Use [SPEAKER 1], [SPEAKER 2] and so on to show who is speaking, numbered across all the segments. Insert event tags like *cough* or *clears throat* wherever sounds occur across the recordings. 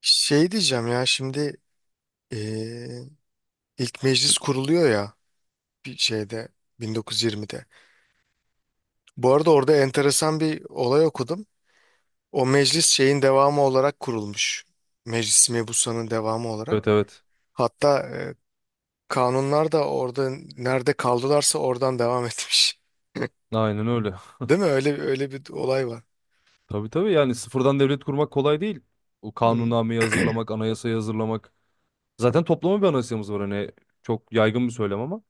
[SPEAKER 1] Şey diyeceğim ya şimdi eee, ilk meclis kuruluyor ya bir şeyde 1920'de. Bu arada orada enteresan bir olay okudum. O meclis şeyin devamı olarak kurulmuş. Meclis mebusanın devamı olarak.
[SPEAKER 2] Evet, evet.
[SPEAKER 1] Hatta kanunlar da orada nerede kaldılarsa oradan devam *laughs* etmiş.
[SPEAKER 2] Aynen öyle.
[SPEAKER 1] Değil mi? Öyle öyle bir olay var.
[SPEAKER 2] *laughs* Tabii, tabii, yani sıfırdan devlet kurmak kolay değil. O
[SPEAKER 1] Hmm.
[SPEAKER 2] kanunnameyi
[SPEAKER 1] *clears throat*
[SPEAKER 2] hazırlamak, anayasayı hazırlamak. Zaten toplama bir anayasamız var, hani çok yaygın bir söylem ama.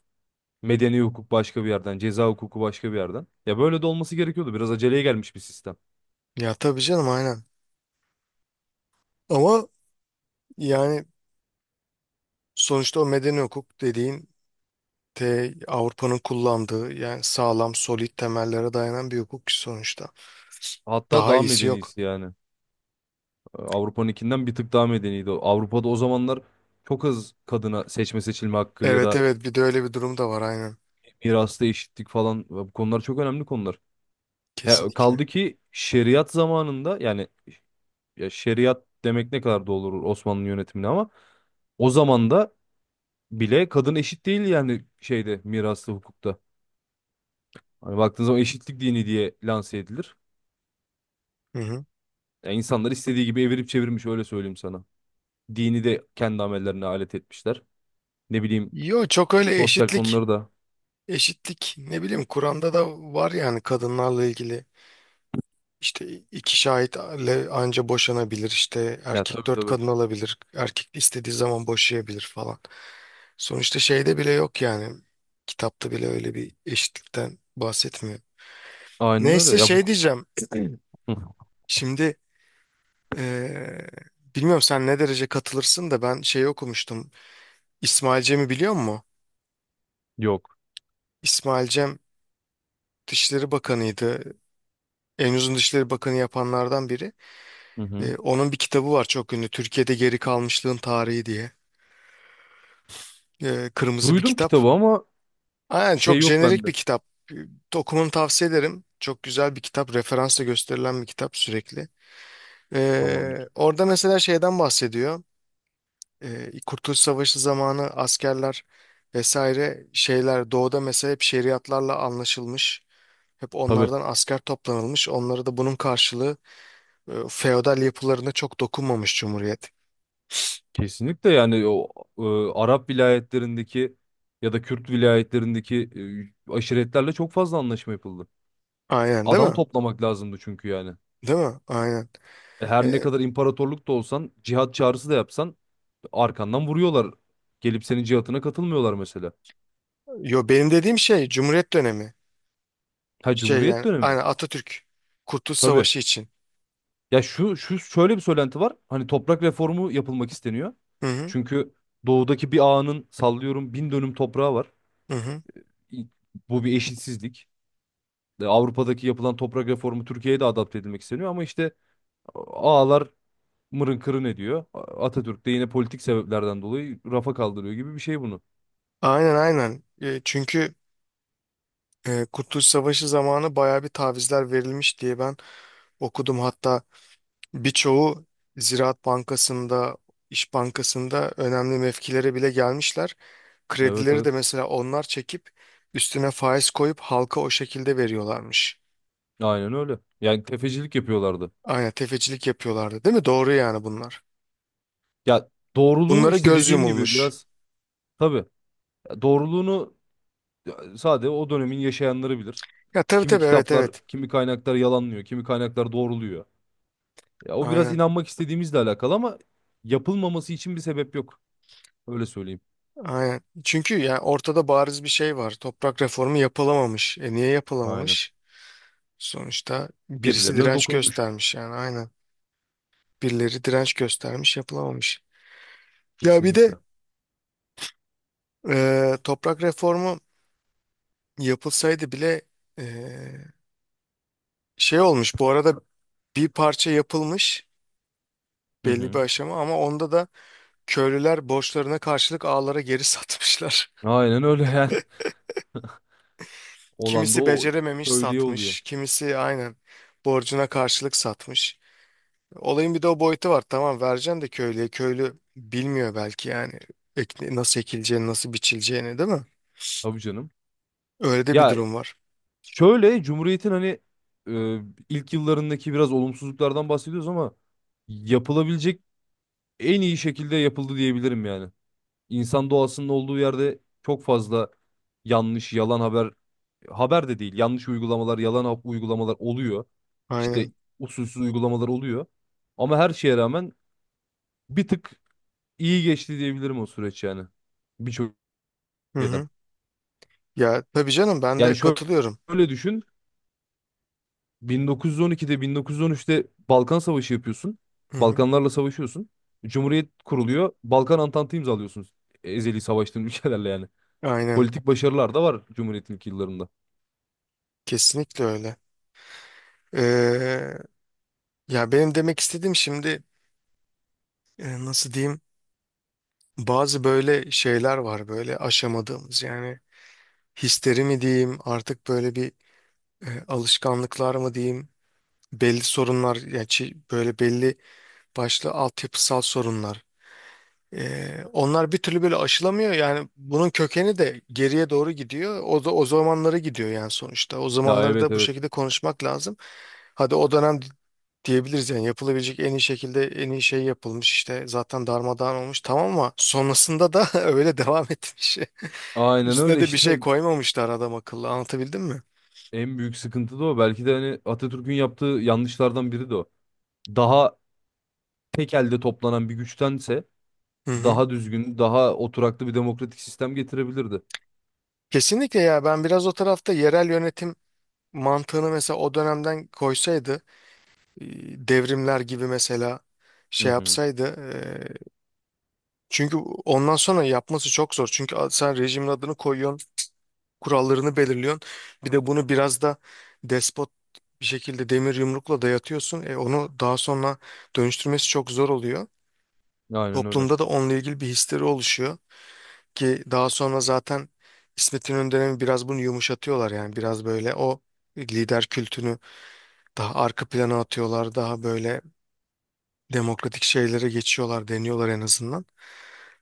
[SPEAKER 2] Medeni hukuk başka bir yerden, ceza hukuku başka bir yerden. Ya böyle de olması gerekiyordu. Biraz aceleye gelmiş bir sistem.
[SPEAKER 1] Ya tabii canım aynen. Ama yani sonuçta o medeni hukuk dediğin de Avrupa'nın kullandığı yani sağlam, solid temellere dayanan bir hukuk ki sonuçta.
[SPEAKER 2] Hatta
[SPEAKER 1] Daha
[SPEAKER 2] daha
[SPEAKER 1] iyisi yok.
[SPEAKER 2] medenisi yani. Avrupa'nınkinden bir tık daha medeniydi. Avrupa'da o zamanlar çok az kadına seçme seçilme hakkı ya
[SPEAKER 1] Evet,
[SPEAKER 2] da
[SPEAKER 1] evet, bir de öyle bir durum da var aynen.
[SPEAKER 2] mirasta eşitlik falan, bu konular çok önemli konular. Ya
[SPEAKER 1] Kesinlikle.
[SPEAKER 2] kaldı ki şeriat zamanında yani, ya şeriat demek ne kadar doğru olur Osmanlı yönetimine, ama o zamanda bile kadın eşit değil, yani şeyde, miraslı hukukta. Hani baktığın zaman eşitlik dini diye lanse edilir.
[SPEAKER 1] Hı hı.
[SPEAKER 2] Yani insanlar istediği gibi evirip çevirmiş, öyle söyleyeyim sana. Dini de kendi amellerine alet etmişler. Ne bileyim,
[SPEAKER 1] Yo, çok öyle
[SPEAKER 2] sosyal
[SPEAKER 1] eşitlik
[SPEAKER 2] konuları da.
[SPEAKER 1] eşitlik ne bileyim Kur'an'da da var yani kadınlarla ilgili işte iki şahitle anca boşanabilir işte
[SPEAKER 2] Ya
[SPEAKER 1] erkek
[SPEAKER 2] tabii,
[SPEAKER 1] dört
[SPEAKER 2] tabii.
[SPEAKER 1] kadın alabilir erkek istediği zaman boşayabilir falan. Sonuçta şeyde bile yok yani kitapta bile öyle bir eşitlikten bahsetmiyor.
[SPEAKER 2] Aynen öyle.
[SPEAKER 1] Neyse
[SPEAKER 2] Ya bu.
[SPEAKER 1] şey diyeceğim. *clears throat*
[SPEAKER 2] Hı,
[SPEAKER 1] Şimdi eee, bilmiyorum sen ne derece katılırsın da ben şeyi okumuştum. İsmail Cem'i biliyor musun?
[SPEAKER 2] yok.
[SPEAKER 1] İsmail Cem Dışişleri Bakanı'ydı. En uzun Dışişleri Bakanı yapanlardan biri.
[SPEAKER 2] Hı hı.
[SPEAKER 1] Onun bir kitabı var çok ünlü. Türkiye'de Geri Kalmışlığın Tarihi diye. Kırmızı bir
[SPEAKER 2] Duydum
[SPEAKER 1] kitap.
[SPEAKER 2] kitabı ama
[SPEAKER 1] Aynen
[SPEAKER 2] şey,
[SPEAKER 1] çok
[SPEAKER 2] yok
[SPEAKER 1] jenerik
[SPEAKER 2] bende.
[SPEAKER 1] bir kitap. Eee, Okumanı tavsiye ederim. Çok güzel bir kitap. Referansla gösterilen bir kitap sürekli. Eee,
[SPEAKER 2] Tamamdır.
[SPEAKER 1] orada mesela şeyden bahsediyor. Kurtuluş Savaşı zamanı askerler vesaire şeyler doğuda mesela hep şeriatlarla anlaşılmış. Hep
[SPEAKER 2] Tabii.
[SPEAKER 1] onlardan asker toplanılmış. Onlara da bunun karşılığı feodal yapılarına çok dokunmamış Cumhuriyet.
[SPEAKER 2] Kesinlikle, yani o Arap vilayetlerindeki ya da Kürt vilayetlerindeki aşiretlerle çok fazla anlaşma yapıldı.
[SPEAKER 1] Aynen, değil
[SPEAKER 2] Adam
[SPEAKER 1] mi?
[SPEAKER 2] toplamak lazımdı çünkü yani.
[SPEAKER 1] Değil mi? Aynen.
[SPEAKER 2] Her ne
[SPEAKER 1] E,
[SPEAKER 2] kadar imparatorluk da olsan, cihat çağrısı da yapsan, arkandan vuruyorlar. Gelip senin cihatına katılmıyorlar mesela.
[SPEAKER 1] yo benim dediğim şey Cumhuriyet dönemi.
[SPEAKER 2] Ha,
[SPEAKER 1] Şey
[SPEAKER 2] Cumhuriyet
[SPEAKER 1] yani
[SPEAKER 2] dönemi.
[SPEAKER 1] aynen Atatürk Kurtuluş
[SPEAKER 2] Tabii.
[SPEAKER 1] Savaşı için.
[SPEAKER 2] Ya şu şöyle bir söylenti var. Hani toprak reformu yapılmak isteniyor.
[SPEAKER 1] Hı hı.
[SPEAKER 2] Çünkü doğudaki bir ağanın, sallıyorum, bin dönüm toprağı var.
[SPEAKER 1] Hı hı.
[SPEAKER 2] İ- Bu bir eşitsizlik. Avrupa'daki yapılan toprak reformu Türkiye'ye de adapte edilmek isteniyor, ama işte ağalar mırın kırın ediyor. Atatürk de yine politik sebeplerden dolayı rafa kaldırıyor gibi bir şey bunu.
[SPEAKER 1] Aynen, aynen. Çünkü Kurtuluş Savaşı zamanı bayağı bir tavizler verilmiş diye ben okudum. Hatta birçoğu Ziraat Bankası'nda, İş Bankası'nda önemli mevkilere bile gelmişler.
[SPEAKER 2] Evet,
[SPEAKER 1] Kredileri de
[SPEAKER 2] evet.
[SPEAKER 1] mesela onlar çekip üstüne faiz koyup halka o şekilde veriyorlarmış.
[SPEAKER 2] Aynen öyle. Yani tefecilik yapıyorlardı.
[SPEAKER 1] Aynen tefecilik yapıyorlardı, değil mi? Doğru yani bunlar.
[SPEAKER 2] Ya doğruluğu,
[SPEAKER 1] Bunlara
[SPEAKER 2] işte
[SPEAKER 1] göz
[SPEAKER 2] dediğim gibi
[SPEAKER 1] yumulmuş.
[SPEAKER 2] biraz, tabii. Ya doğruluğunu. Ya, sadece o dönemin yaşayanları bilir.
[SPEAKER 1] Ya tabii,
[SPEAKER 2] Kimi
[SPEAKER 1] tabii, evet,
[SPEAKER 2] kitaplar,
[SPEAKER 1] evet.
[SPEAKER 2] kimi kaynaklar yalanlıyor, kimi kaynaklar doğruluyor. Ya o biraz
[SPEAKER 1] Aynen,
[SPEAKER 2] inanmak istediğimizle alakalı ama yapılmaması için bir sebep yok. Öyle söyleyeyim.
[SPEAKER 1] aynen. Çünkü yani ortada bariz bir şey var. Toprak reformu yapılamamış. E, niye
[SPEAKER 2] Aynen.
[SPEAKER 1] yapılamamış? Sonuçta birisi
[SPEAKER 2] Birilerine
[SPEAKER 1] direnç
[SPEAKER 2] dokunmuş.
[SPEAKER 1] göstermiş yani aynen. Birileri direnç göstermiş yapılamamış. Ya bir de
[SPEAKER 2] Kesinlikle.
[SPEAKER 1] Toprak reformu yapılsaydı bile ee, şey olmuş bu arada, bir parça yapılmış
[SPEAKER 2] Hı
[SPEAKER 1] belli bir
[SPEAKER 2] hı.
[SPEAKER 1] aşama ama onda da köylüler borçlarına karşılık ağlara geri satmışlar.
[SPEAKER 2] Aynen öyle yani.
[SPEAKER 1] *laughs*
[SPEAKER 2] *laughs* Olan da
[SPEAKER 1] Kimisi
[SPEAKER 2] o
[SPEAKER 1] becerememiş
[SPEAKER 2] köylüye oluyor.
[SPEAKER 1] satmış, kimisi aynen borcuna karşılık satmış. Olayın bir de o boyutu var, tamam vereceksin de köylüye, köylü bilmiyor belki yani nasıl ekileceğini, nasıl biçileceğini, değil mi?
[SPEAKER 2] Tabii canım.
[SPEAKER 1] Öyle de bir
[SPEAKER 2] Ya
[SPEAKER 1] durum var.
[SPEAKER 2] şöyle, Cumhuriyet'in hani e, ilk yıllarındaki biraz olumsuzluklardan bahsediyoruz ama yapılabilecek en iyi şekilde yapıldı diyebilirim yani. İnsan doğasının olduğu yerde çok fazla yanlış, yalan haber, haber de değil, yanlış uygulamalar, uygulamalar oluyor. İşte
[SPEAKER 1] Aynen.
[SPEAKER 2] usulsüz uygulamalar oluyor. Ama her şeye rağmen bir tık iyi geçti diyebilirim o süreç yani. Birçok
[SPEAKER 1] Hı
[SPEAKER 2] şeyden.
[SPEAKER 1] hı. Ya tabii canım ben de
[SPEAKER 2] Yani şöyle,
[SPEAKER 1] katılıyorum.
[SPEAKER 2] şöyle düşün. 1912'de, 1913'te Balkan Savaşı yapıyorsun.
[SPEAKER 1] Hı hı.
[SPEAKER 2] Balkanlarla savaşıyorsun. Cumhuriyet kuruluyor. Balkan Antantı imzalıyorsunuz. Ezeli savaştığın *laughs* ülkelerle yani.
[SPEAKER 1] Aynen.
[SPEAKER 2] Politik başarılar da var Cumhuriyet'in ilk yıllarında.
[SPEAKER 1] Kesinlikle öyle. Ee, ya benim demek istediğim şimdi, nasıl diyeyim, bazı böyle şeyler var böyle aşamadığımız yani, hisleri mi diyeyim artık, böyle bir alışkanlıklar mı diyeyim, belli sorunlar yani, böyle belli başlı altyapısal sorunlar. Onlar bir türlü böyle aşılamıyor yani, bunun kökeni de geriye doğru gidiyor, o da o zamanlara gidiyor yani. Sonuçta o
[SPEAKER 2] Ya
[SPEAKER 1] zamanları
[SPEAKER 2] evet,
[SPEAKER 1] da bu
[SPEAKER 2] evet.
[SPEAKER 1] şekilde konuşmak lazım, hadi o dönem diyebiliriz yani yapılabilecek en iyi şekilde en iyi şey yapılmış işte, zaten darmadağın olmuş tamam, ama sonrasında da *laughs* öyle devam etmiş, *laughs*
[SPEAKER 2] Aynen
[SPEAKER 1] üstüne
[SPEAKER 2] öyle
[SPEAKER 1] de bir şey
[SPEAKER 2] işte. *laughs*
[SPEAKER 1] koymamışlar adam akıllı, anlatabildim mi?
[SPEAKER 2] En büyük sıkıntı da o. Belki de hani Atatürk'ün yaptığı yanlışlardan biri de o. Daha tek elde toplanan bir güçtense
[SPEAKER 1] Hı hı.
[SPEAKER 2] daha düzgün, daha oturaklı bir demokratik sistem getirebilirdi.
[SPEAKER 1] Kesinlikle ya, ben biraz o tarafta yerel yönetim mantığını mesela o dönemden koysaydı, e, devrimler gibi mesela
[SPEAKER 2] Hı
[SPEAKER 1] şey
[SPEAKER 2] hı.
[SPEAKER 1] yapsaydı, e, çünkü ondan sonra yapması çok zor. Çünkü sen rejimin adını koyuyorsun, kurallarını belirliyorsun. Bir de bunu biraz da despot bir şekilde demir yumrukla dayatıyorsun. Onu daha sonra dönüştürmesi çok zor oluyor.
[SPEAKER 2] Aynen öyle.
[SPEAKER 1] Toplumda da onunla ilgili bir histeri oluşuyor ki daha sonra zaten İsmet İnönü dönemi biraz bunu yumuşatıyorlar yani, biraz böyle o lider kültünü daha arka plana atıyorlar, daha böyle demokratik şeylere geçiyorlar, deniyorlar en azından.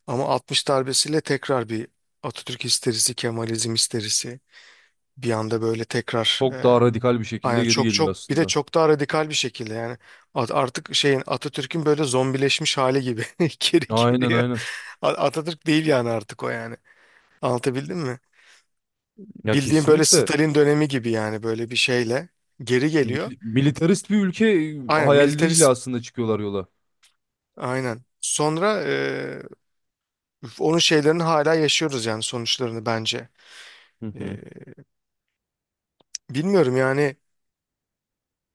[SPEAKER 1] Ama 60 darbesiyle tekrar bir Atatürk histerisi, Kemalizm histerisi bir anda böyle tekrar
[SPEAKER 2] Çok
[SPEAKER 1] e,
[SPEAKER 2] daha radikal bir şekilde
[SPEAKER 1] aynen
[SPEAKER 2] geri
[SPEAKER 1] çok
[SPEAKER 2] geliyor
[SPEAKER 1] çok, bir de
[SPEAKER 2] aslında.
[SPEAKER 1] çok daha radikal bir şekilde yani, artık şeyin Atatürk'ün böyle zombileşmiş hali gibi *laughs* geri
[SPEAKER 2] Aynen,
[SPEAKER 1] geliyor.
[SPEAKER 2] aynen.
[SPEAKER 1] Atatürk değil yani artık o yani. Anlatabildim mi?
[SPEAKER 2] Ya
[SPEAKER 1] Bildiğim böyle
[SPEAKER 2] kesinlikle.
[SPEAKER 1] Stalin dönemi gibi yani, böyle bir şeyle geri geliyor.
[SPEAKER 2] Militarist bir ülke
[SPEAKER 1] Aynen
[SPEAKER 2] hayaliyle
[SPEAKER 1] militarist,
[SPEAKER 2] aslında çıkıyorlar yola.
[SPEAKER 1] aynen. Sonra Üf, onun şeylerini hala yaşıyoruz yani sonuçlarını, bence.
[SPEAKER 2] Hı
[SPEAKER 1] Ee,
[SPEAKER 2] hı.
[SPEAKER 1] bilmiyorum yani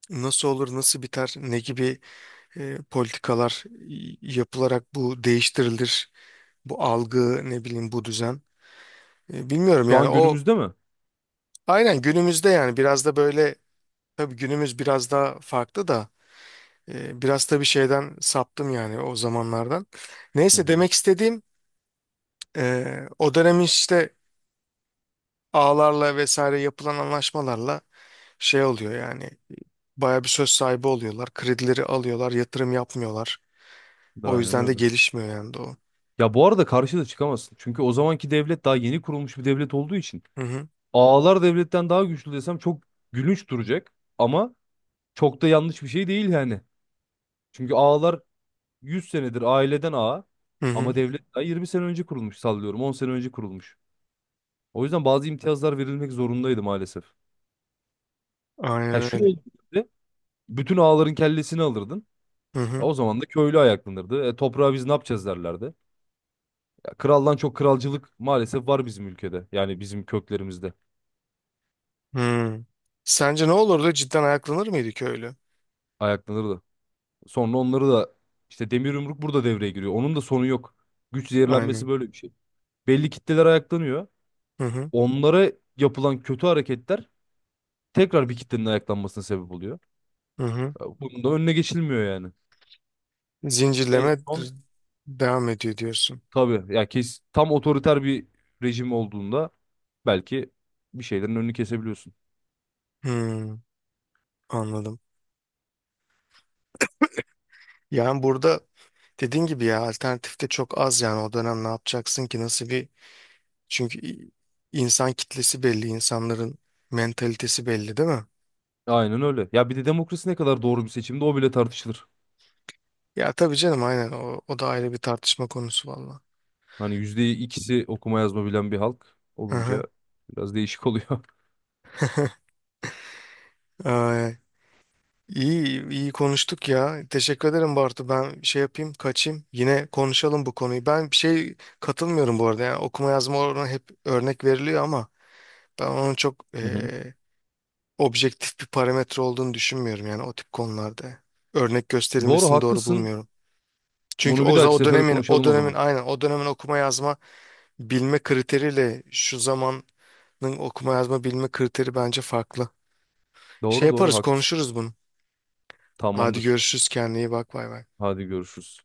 [SPEAKER 1] nasıl olur, nasıl biter, ne gibi politikalar yapılarak bu değiştirilir, bu algı, ne bileyim bu düzen. Bilmiyorum
[SPEAKER 2] Şu
[SPEAKER 1] yani
[SPEAKER 2] an
[SPEAKER 1] o,
[SPEAKER 2] günümüzde mi?
[SPEAKER 1] aynen günümüzde yani, biraz da böyle, tabii günümüz biraz daha farklı da, biraz da bir şeyden saptım yani o zamanlardan.
[SPEAKER 2] Hı
[SPEAKER 1] Neyse
[SPEAKER 2] hı.
[SPEAKER 1] demek istediğim o dönem işte ağlarla vesaire yapılan anlaşmalarla şey oluyor yani. Baya bir söz sahibi oluyorlar. Kredileri alıyorlar, yatırım yapmıyorlar. O
[SPEAKER 2] Aynen
[SPEAKER 1] yüzden de
[SPEAKER 2] öyle.
[SPEAKER 1] gelişmiyor yani doğu.
[SPEAKER 2] Ya bu arada karşı da çıkamazsın. Çünkü o zamanki devlet daha yeni kurulmuş bir devlet olduğu için
[SPEAKER 1] Hı hı.
[SPEAKER 2] ağalar devletten daha güçlü desem çok gülünç duracak, ama çok da yanlış bir şey değil yani. Çünkü ağalar 100 senedir aileden ağa,
[SPEAKER 1] Hı hı.
[SPEAKER 2] ama devlet daha 20 sene önce kurulmuş, sallıyorum 10 sene önce kurulmuş. O yüzden bazı imtiyazlar verilmek zorundaydı maalesef. Ha,
[SPEAKER 1] Aynen
[SPEAKER 2] şu
[SPEAKER 1] öyle.
[SPEAKER 2] olduğunda bütün ağaların kellesini alırdın.
[SPEAKER 1] Hı
[SPEAKER 2] Ya,
[SPEAKER 1] hı.
[SPEAKER 2] o zaman da köylü ayaklanırdı. E, toprağı biz ne yapacağız derlerdi. Ya, kraldan çok kralcılık maalesef var bizim ülkede. Yani bizim köklerimizde
[SPEAKER 1] Hı. Sence ne olurdu? Cidden ayaklanır mıydı köylü?
[SPEAKER 2] ayaklanırdı. Sonra onları da işte demir yumruk burada devreye giriyor. Onun da sonu yok. Güç zehirlenmesi
[SPEAKER 1] Aynen.
[SPEAKER 2] böyle bir şey. Belli kitleler ayaklanıyor.
[SPEAKER 1] Hı hı.
[SPEAKER 2] Onlara yapılan kötü hareketler tekrar bir kitlenin ayaklanmasına sebep oluyor.
[SPEAKER 1] Hı hı.
[SPEAKER 2] Ya bunun da önüne geçilmiyor yani. En
[SPEAKER 1] Zincirleme
[SPEAKER 2] son,
[SPEAKER 1] devam ediyor diyorsun.
[SPEAKER 2] tabii ya, kes, tam otoriter bir rejim olduğunda belki bir şeylerin önünü kesebiliyorsun.
[SPEAKER 1] Hı. Anladım. Yani burada dediğin gibi ya, alternatif de çok az yani o dönem ne yapacaksın ki, nasıl bir, çünkü insan kitlesi belli, insanların mentalitesi belli, değil mi?
[SPEAKER 2] Aynen öyle. Ya bir de demokrasi ne kadar doğru bir seçimde, o bile tartışılır.
[SPEAKER 1] Ya tabii canım aynen, o, da ayrı bir tartışma konusu valla.
[SPEAKER 2] Hani yüzde ikisi okuma yazma bilen bir halk
[SPEAKER 1] Hı hı.
[SPEAKER 2] olunca biraz değişik oluyor.
[SPEAKER 1] Ee, iyi iyi konuştuk ya. Teşekkür ederim Bartu. Ben şey yapayım, kaçayım. Yine konuşalım bu konuyu. Ben bir şey katılmıyorum bu arada. Yani okuma yazma oranı hep örnek veriliyor ama ben onun çok
[SPEAKER 2] *laughs* Hı hı.
[SPEAKER 1] objektif bir parametre olduğunu düşünmüyorum yani o tip konularda. Örnek
[SPEAKER 2] Doğru,
[SPEAKER 1] gösterilmesini doğru
[SPEAKER 2] haklısın.
[SPEAKER 1] bulmuyorum. Çünkü
[SPEAKER 2] Bunu bir
[SPEAKER 1] o, za-
[SPEAKER 2] dahaki
[SPEAKER 1] o
[SPEAKER 2] sefere
[SPEAKER 1] dönemin
[SPEAKER 2] konuşalım o zaman.
[SPEAKER 1] aynen o dönemin okuma yazma bilme kriteriyle şu zamanın okuma yazma bilme kriteri bence farklı. Şey
[SPEAKER 2] Doğru, doğru,
[SPEAKER 1] yaparız,
[SPEAKER 2] haklısın.
[SPEAKER 1] konuşuruz bunu. Hadi
[SPEAKER 2] Tamamdır.
[SPEAKER 1] görüşürüz, kendine iyi bak, bay bay.
[SPEAKER 2] Hadi görüşürüz.